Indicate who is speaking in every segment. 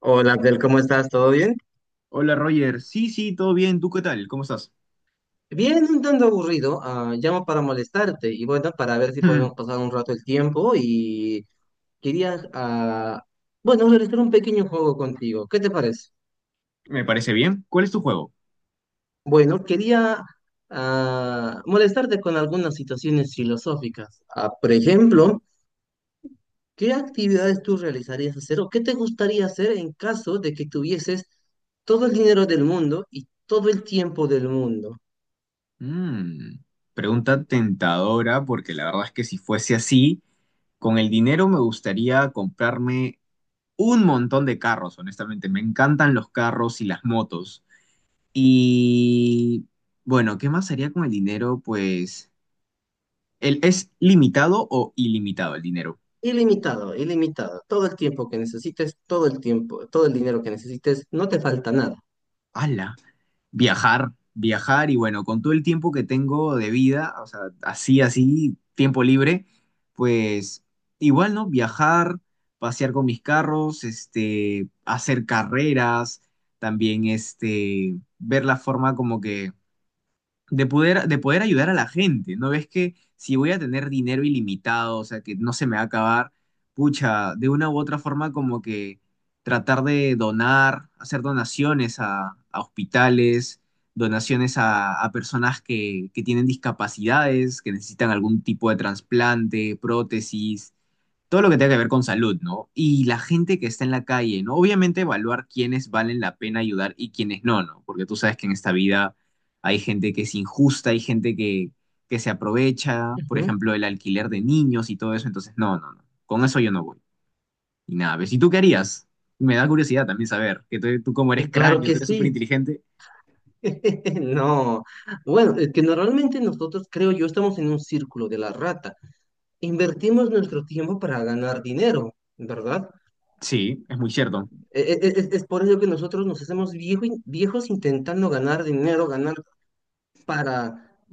Speaker 1: Hola Abdel, ¿cómo estás? ¿Todo bien?
Speaker 2: Hola Roger, sí, sí, todo bien, ¿tú qué tal? ¿Cómo estás?
Speaker 1: Bien, un tanto aburrido. Llamo para molestarte y bueno, para ver si podemos pasar un rato el tiempo y quería, bueno, realizar un pequeño juego contigo. ¿Qué te parece?
Speaker 2: Me parece bien. ¿Cuál es tu juego?
Speaker 1: Bueno, quería molestarte con algunas situaciones filosóficas. Ah, por ejemplo, ¿qué actividades tú realizarías hacer o qué te gustaría hacer en caso de que tuvieses todo el dinero del mundo y todo el tiempo del mundo?
Speaker 2: Mm, pregunta tentadora, porque la verdad es que si fuese así, con el dinero me gustaría comprarme un montón de carros, honestamente. Me encantan los carros y las motos. Y bueno, ¿qué más haría con el dinero? Pues, ¿es limitado o ilimitado el dinero?
Speaker 1: Ilimitado, ilimitado. Todo el tiempo que necesites, todo el tiempo, todo el dinero que necesites, no te falta nada.
Speaker 2: ¡Hala! Viajar, viajar y bueno, con todo el tiempo que tengo de vida, o sea, así, así, tiempo libre, pues igual, ¿no? Viajar, pasear con mis carros, este, hacer carreras, también, este, ver la forma como que de poder ayudar a la gente, ¿no ves que si voy a tener dinero ilimitado, o sea, que no se me va a acabar, pucha, de una u otra forma como que tratar de donar, hacer donaciones a hospitales, donaciones a personas que tienen discapacidades, que necesitan algún tipo de trasplante, prótesis, todo lo que tenga que ver con salud, ¿no? Y la gente que está en la calle, ¿no? Obviamente evaluar quiénes valen la pena ayudar y quiénes no, ¿no? Porque tú sabes que en esta vida hay gente que es injusta, hay gente que se aprovecha, por
Speaker 1: Ujú.
Speaker 2: ejemplo, el alquiler de niños y todo eso, entonces no, no, no, con eso yo no voy. Y nada, ¿ves? ¿Y tú qué harías? Me da curiosidad también saber, que tú como eres
Speaker 1: Y claro
Speaker 2: cráneo,
Speaker 1: que
Speaker 2: tú eres súper
Speaker 1: sí.
Speaker 2: inteligente.
Speaker 1: No. Bueno, es que normalmente nosotros, creo yo, estamos en un círculo de la rata. Invertimos nuestro tiempo para ganar dinero, ¿verdad?
Speaker 2: Sí, es muy cierto.
Speaker 1: Es por ello que nosotros nos hacemos viejos intentando ganar dinero, ganar para,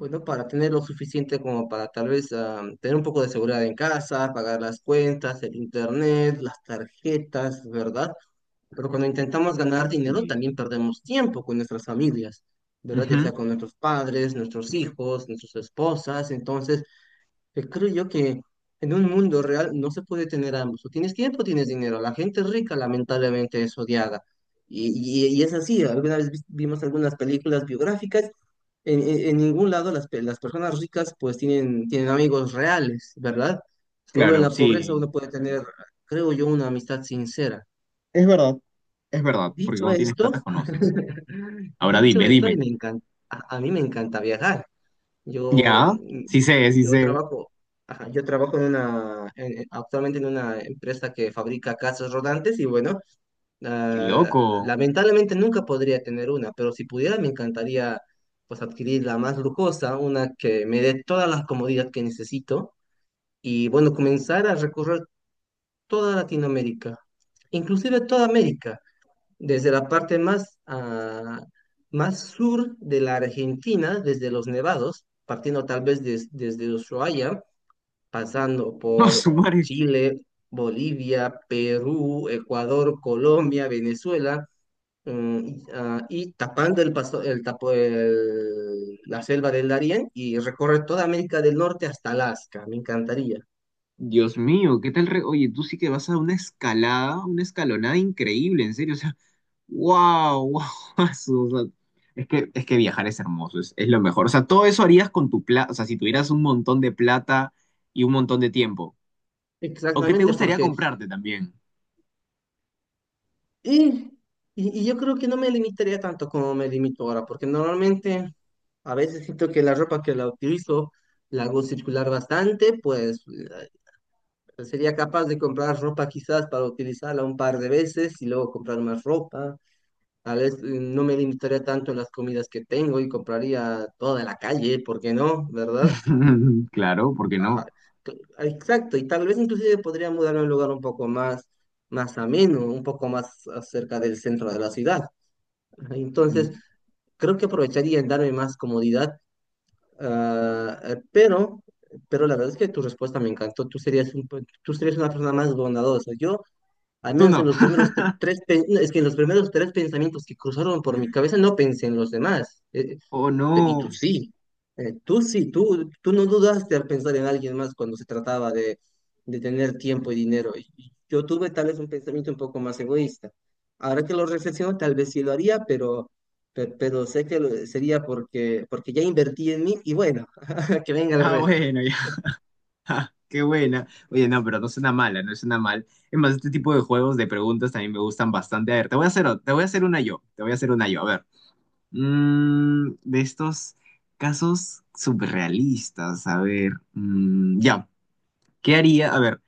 Speaker 1: bueno, para tener lo suficiente como para tal vez tener un poco de seguridad en casa, pagar las cuentas, el internet, las tarjetas, ¿verdad? Pero cuando intentamos ganar dinero
Speaker 2: Y-
Speaker 1: también perdemos tiempo con nuestras familias, ¿verdad? Ya
Speaker 2: Ujú.
Speaker 1: sea con nuestros padres, nuestros hijos, nuestras esposas, entonces que creo yo que en un mundo real no se puede tener ambos. O tienes tiempo o tienes dinero. La gente rica lamentablemente es odiada. Y, y es así. Alguna vez vimos algunas películas biográficas. En ningún lado las personas ricas pues tienen, tienen amigos reales, ¿verdad? Solo en
Speaker 2: Claro,
Speaker 1: la pobreza
Speaker 2: sí.
Speaker 1: uno puede tener, creo yo, una amistad sincera.
Speaker 2: Es verdad, es verdad, porque
Speaker 1: Dicho
Speaker 2: cuando tienes plata
Speaker 1: esto,
Speaker 2: conoces. Ahora
Speaker 1: dicho
Speaker 2: dime,
Speaker 1: esto, y
Speaker 2: dime.
Speaker 1: me encanta, a mí me encanta viajar. Yo,
Speaker 2: Ya, sí sé, sí
Speaker 1: yo
Speaker 2: sé.
Speaker 1: trabajo, ajá, yo trabajo en una, actualmente en una empresa que fabrica casas rodantes y bueno,
Speaker 2: Qué loco.
Speaker 1: lamentablemente nunca podría tener una, pero si pudiera me encantaría pues adquirir la más lujosa, una que me dé todas las comodidades que necesito y bueno, comenzar a recorrer toda Latinoamérica, inclusive toda América desde la parte más, más sur de la Argentina, desde los Nevados, partiendo tal vez desde Ushuaia, pasando
Speaker 2: No,
Speaker 1: por
Speaker 2: su madre.
Speaker 1: Chile, Bolivia, Perú, Ecuador, Colombia, Venezuela, y, y tapando el paso, la selva del Darién y recorre toda América del Norte hasta Alaska. Me encantaría.
Speaker 2: Dios mío, ¿qué tal? Oye, tú sí que vas a una escalada, una escalonada increíble, en serio. O sea, wow, wow. O sea, es que viajar es hermoso, es lo mejor. O sea, todo eso harías con tu plata, o sea, si tuvieras un montón de plata y un montón de tiempo. O qué te
Speaker 1: Exactamente,
Speaker 2: gustaría
Speaker 1: porque
Speaker 2: comprarte también.
Speaker 1: y, y yo creo que no me limitaría tanto como me limito ahora, porque normalmente a veces siento que la ropa que la utilizo la hago circular bastante, pues sería capaz de comprar ropa quizás para utilizarla un par de veces y luego comprar más ropa. Tal vez no me limitaría tanto en las comidas que tengo y compraría toda la calle, ¿por qué no? ¿Verdad?
Speaker 2: Claro, ¿por qué
Speaker 1: Ajá.
Speaker 2: no?
Speaker 1: Exacto, y tal vez inclusive podría mudarme a un lugar un poco más, más ameno, un poco más cerca del centro de la ciudad. Entonces,
Speaker 2: Mm.
Speaker 1: creo que aprovecharía en darme más comodidad, ah, eh, pero, pero la verdad es que tu respuesta me encantó. Tú serías un, tú serías una persona más bondadosa. Yo, al
Speaker 2: Tú
Speaker 1: menos en
Speaker 2: no.
Speaker 1: los primeros no, es que en los primeros tres pensamientos que cruzaron por mi cabeza, no pensé en los demás.
Speaker 2: Oh,
Speaker 1: Y tú
Speaker 2: no.
Speaker 1: sí, tú sí, tú no dudaste al pensar en alguien más cuando se trataba de tener tiempo y dinero. Y yo tuve tal vez un pensamiento un poco más egoísta. Ahora que lo reflexiono, tal vez sí lo haría, pero, pero sé que sería porque, porque ya invertí en mí y bueno, que venga el
Speaker 2: Ah,
Speaker 1: resto.
Speaker 2: bueno. Ja, qué buena. Oye, no, pero no suena mala, no suena mal. Es más, este tipo de juegos de preguntas también me gustan bastante. A ver, te voy a hacer una yo, te voy a hacer una yo. A ver, de estos casos surrealistas, a ver, ya, ¿qué haría? A ver,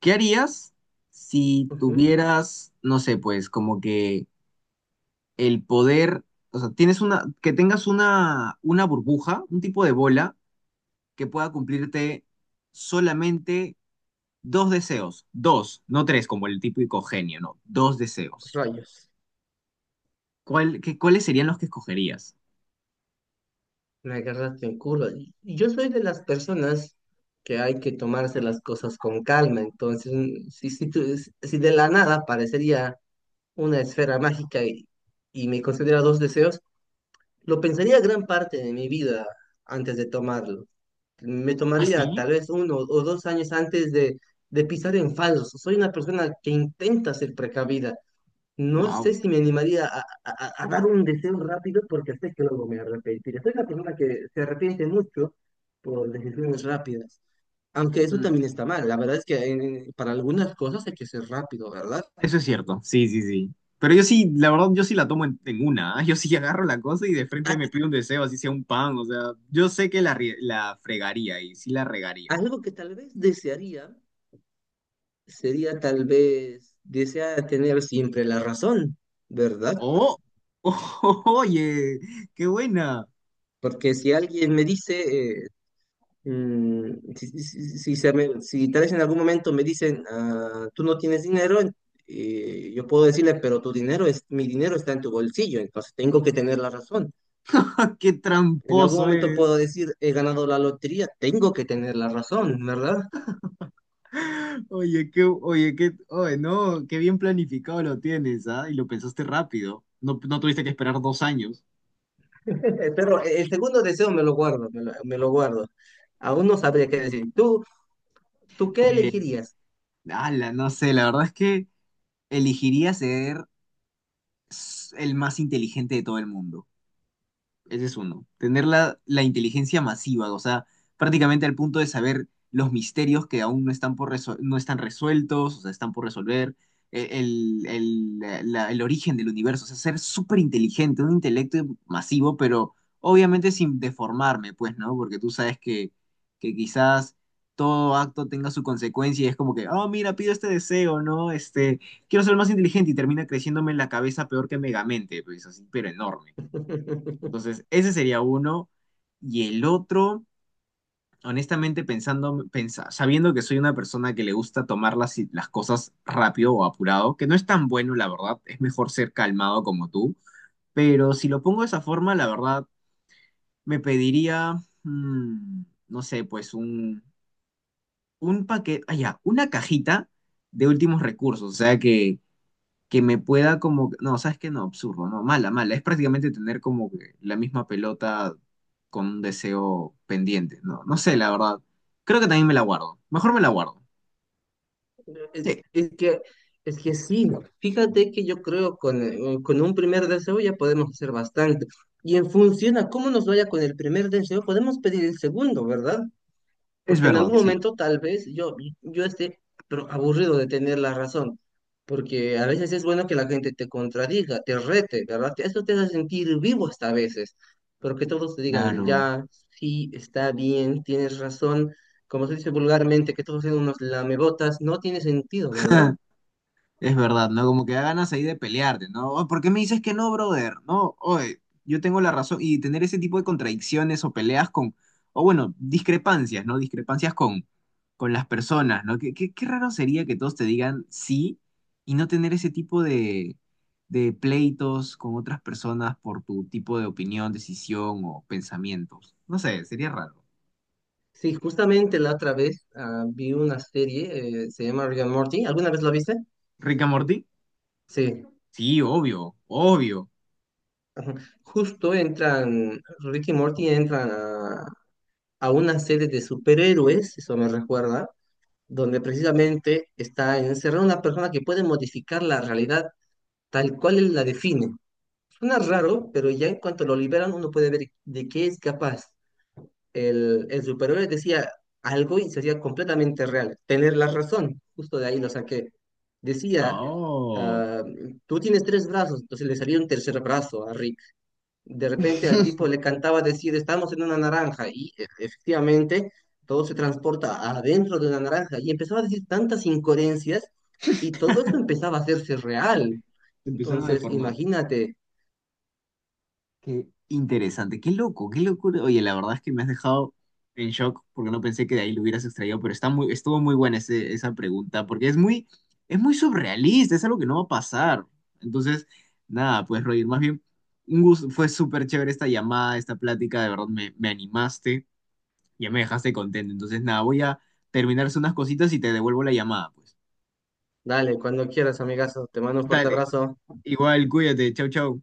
Speaker 2: ¿qué harías si
Speaker 1: Ujú.
Speaker 2: tuvieras, no sé, pues, como que el poder, o sea, que tengas una burbuja, un tipo de bola que pueda cumplirte solamente dos deseos. Dos, no tres, como el típico genio, no. Dos deseos.
Speaker 1: Rayos,
Speaker 2: ¿Cuáles serían los que escogerías?
Speaker 1: me agarraste en curva. Y yo soy de las personas que hay que tomarse las cosas con calma, entonces si, si, si de la nada parecería una esfera mágica y me concediera dos deseos, lo pensaría gran parte de mi vida antes de tomarlo. Me
Speaker 2: ¿Ah,
Speaker 1: tomaría
Speaker 2: sí?
Speaker 1: tal vez uno o dos años antes de pisar en falso. Soy una persona que intenta ser precavida. No
Speaker 2: Wow.
Speaker 1: sé si me animaría a, a dar un deseo rápido porque sé que luego me arrepentiré. Soy una persona que se arrepiente mucho por decisiones rápidas. Aunque eso
Speaker 2: Mm,
Speaker 1: también está mal. La verdad es que para algunas cosas hay que ser rápido, ¿verdad?
Speaker 2: eso es cierto, sí, sí, sí. Pero yo sí, la verdad, yo sí la tomo en una, ¿ah? Yo sí agarro la cosa y de frente
Speaker 1: A-
Speaker 2: me pido un deseo, así sea un pan, o sea, yo sé que la fregaría y sí la regaría.
Speaker 1: Algo que tal vez desearía sería tal vez desea tener siempre la razón, ¿verdad?
Speaker 2: ¡Oh! ¡Oye! ¡Qué buena!
Speaker 1: Porque si alguien me dice, si, si si tal vez en algún momento me dicen, "Ah, tú no tienes dinero, yo puedo decirle, pero tu dinero es, mi dinero está en tu bolsillo, entonces tengo que tener la razón."
Speaker 2: ¡Qué
Speaker 1: En algún
Speaker 2: tramposo
Speaker 1: momento
Speaker 2: eres!
Speaker 1: puedo decir, he ganado la lotería, tengo que tener la razón, ¿verdad?
Speaker 2: Oye, qué, oye, qué, oye, no, qué bien planificado lo tienes, ¿ah? Y lo pensaste rápido. No, no tuviste que esperar 2 años.
Speaker 1: Pero el segundo deseo me lo guardo, me lo guardo. Aún no sabría qué decir. ¿Tú, tú qué
Speaker 2: Pues,
Speaker 1: elegirías?
Speaker 2: ala, no sé, la verdad es que elegiría ser el más inteligente de todo el mundo. Ese es uno. Tener la, la inteligencia masiva, o sea, prácticamente al punto de saber los misterios que aún no están, no están resueltos, o sea, están por resolver, el origen del universo, o sea, ser súper inteligente, un intelecto masivo, pero obviamente sin deformarme, pues, ¿no? Porque tú sabes que quizás todo acto tenga su consecuencia y es como que, oh, mira, pido este deseo, ¿no? Este, quiero ser más inteligente y termina creciéndome en la cabeza peor que Megamente, pues así, pero enorme. Entonces, ese sería uno. Y el otro, honestamente, sabiendo que soy una persona que le gusta tomar las cosas rápido o apurado, que no es tan bueno, la verdad, es mejor ser calmado como tú, pero si lo pongo de esa forma, la verdad, me pediría, mm, no sé, pues un paquete, ah, ya, una cajita de últimos recursos, o sea que me pueda como, no, sabes que no, absurdo, no, mala, mala, es prácticamente tener como que la misma pelota con un deseo pendiente, no, no sé, la verdad, creo que también me la guardo, mejor me la guardo,
Speaker 1: Es,
Speaker 2: sí,
Speaker 1: es que, es que sí, ¿no? Fíjate que yo creo con un primer deseo ya podemos hacer bastante. Y en función a cómo nos vaya con el primer deseo, podemos pedir el segundo, ¿verdad?
Speaker 2: es
Speaker 1: Porque en
Speaker 2: verdad,
Speaker 1: algún
Speaker 2: sí,
Speaker 1: momento tal vez yo, yo esté pero aburrido de tener la razón, porque a veces es bueno que la gente te contradiga, te rete, ¿verdad? Eso te hace sentir vivo hasta a veces, pero que todos te digan,
Speaker 2: claro.
Speaker 1: ya, sí, está bien, tienes razón, como se dice vulgarmente, que todos sean unos lamebotas, no tiene sentido, ¿verdad?
Speaker 2: Es verdad, ¿no? Como que da ganas ahí de pelearte, ¿no? "Oh, ¿por qué me dices que no, brother? No, oye, yo tengo la razón". Y tener ese tipo de contradicciones o peleas con, o bueno, discrepancias, ¿no? Discrepancias con las personas, ¿no? Qué raro sería que todos te digan sí y no tener ese tipo de pleitos con otras personas por tu tipo de opinión, decisión o pensamientos. No sé, sería raro.
Speaker 1: Sí, justamente la otra vez vi una serie, se llama Rick and Morty, ¿alguna vez la viste?
Speaker 2: ¿Rick and Morty?
Speaker 1: Sí,
Speaker 2: Sí, obvio, obvio.
Speaker 1: justo entran, Rick y Morty entran a una serie de superhéroes, eso me recuerda, donde precisamente está encerrada una persona que puede modificar la realidad tal cual él la define. Suena raro, pero ya en cuanto lo liberan uno puede ver de qué es capaz. El superhéroe decía algo y sería completamente real. Tener la razón, justo de ahí lo saqué. Decía,
Speaker 2: Oh.
Speaker 1: ah, tú tienes tres brazos, entonces le salía un tercer brazo a Rick de repente al tipo le cantaba decir, estamos en una naranja, y efectivamente todo se transporta adentro de una naranja, y empezaba a decir tantas incoherencias, y todo eso empezaba a hacerse real.
Speaker 2: Se empiezan a
Speaker 1: Entonces,
Speaker 2: deformar.
Speaker 1: imagínate,
Speaker 2: Qué interesante, qué loco, qué locura. Oye, la verdad es que me has dejado en shock porque no pensé que de ahí lo hubieras extraído, pero está muy, estuvo muy buena esa pregunta porque es muy surrealista, es algo que no va a pasar. Entonces, nada, pues Roger, más bien, un gusto, fue súper chévere esta llamada, esta plática, de verdad me animaste, ya me dejaste contento. Entonces, nada, voy a terminarse unas cositas y te devuelvo la llamada, pues.
Speaker 1: dale, cuando quieras, amigazo, te mando un fuerte
Speaker 2: Dale,
Speaker 1: abrazo.
Speaker 2: igual, cuídate, chau, chau.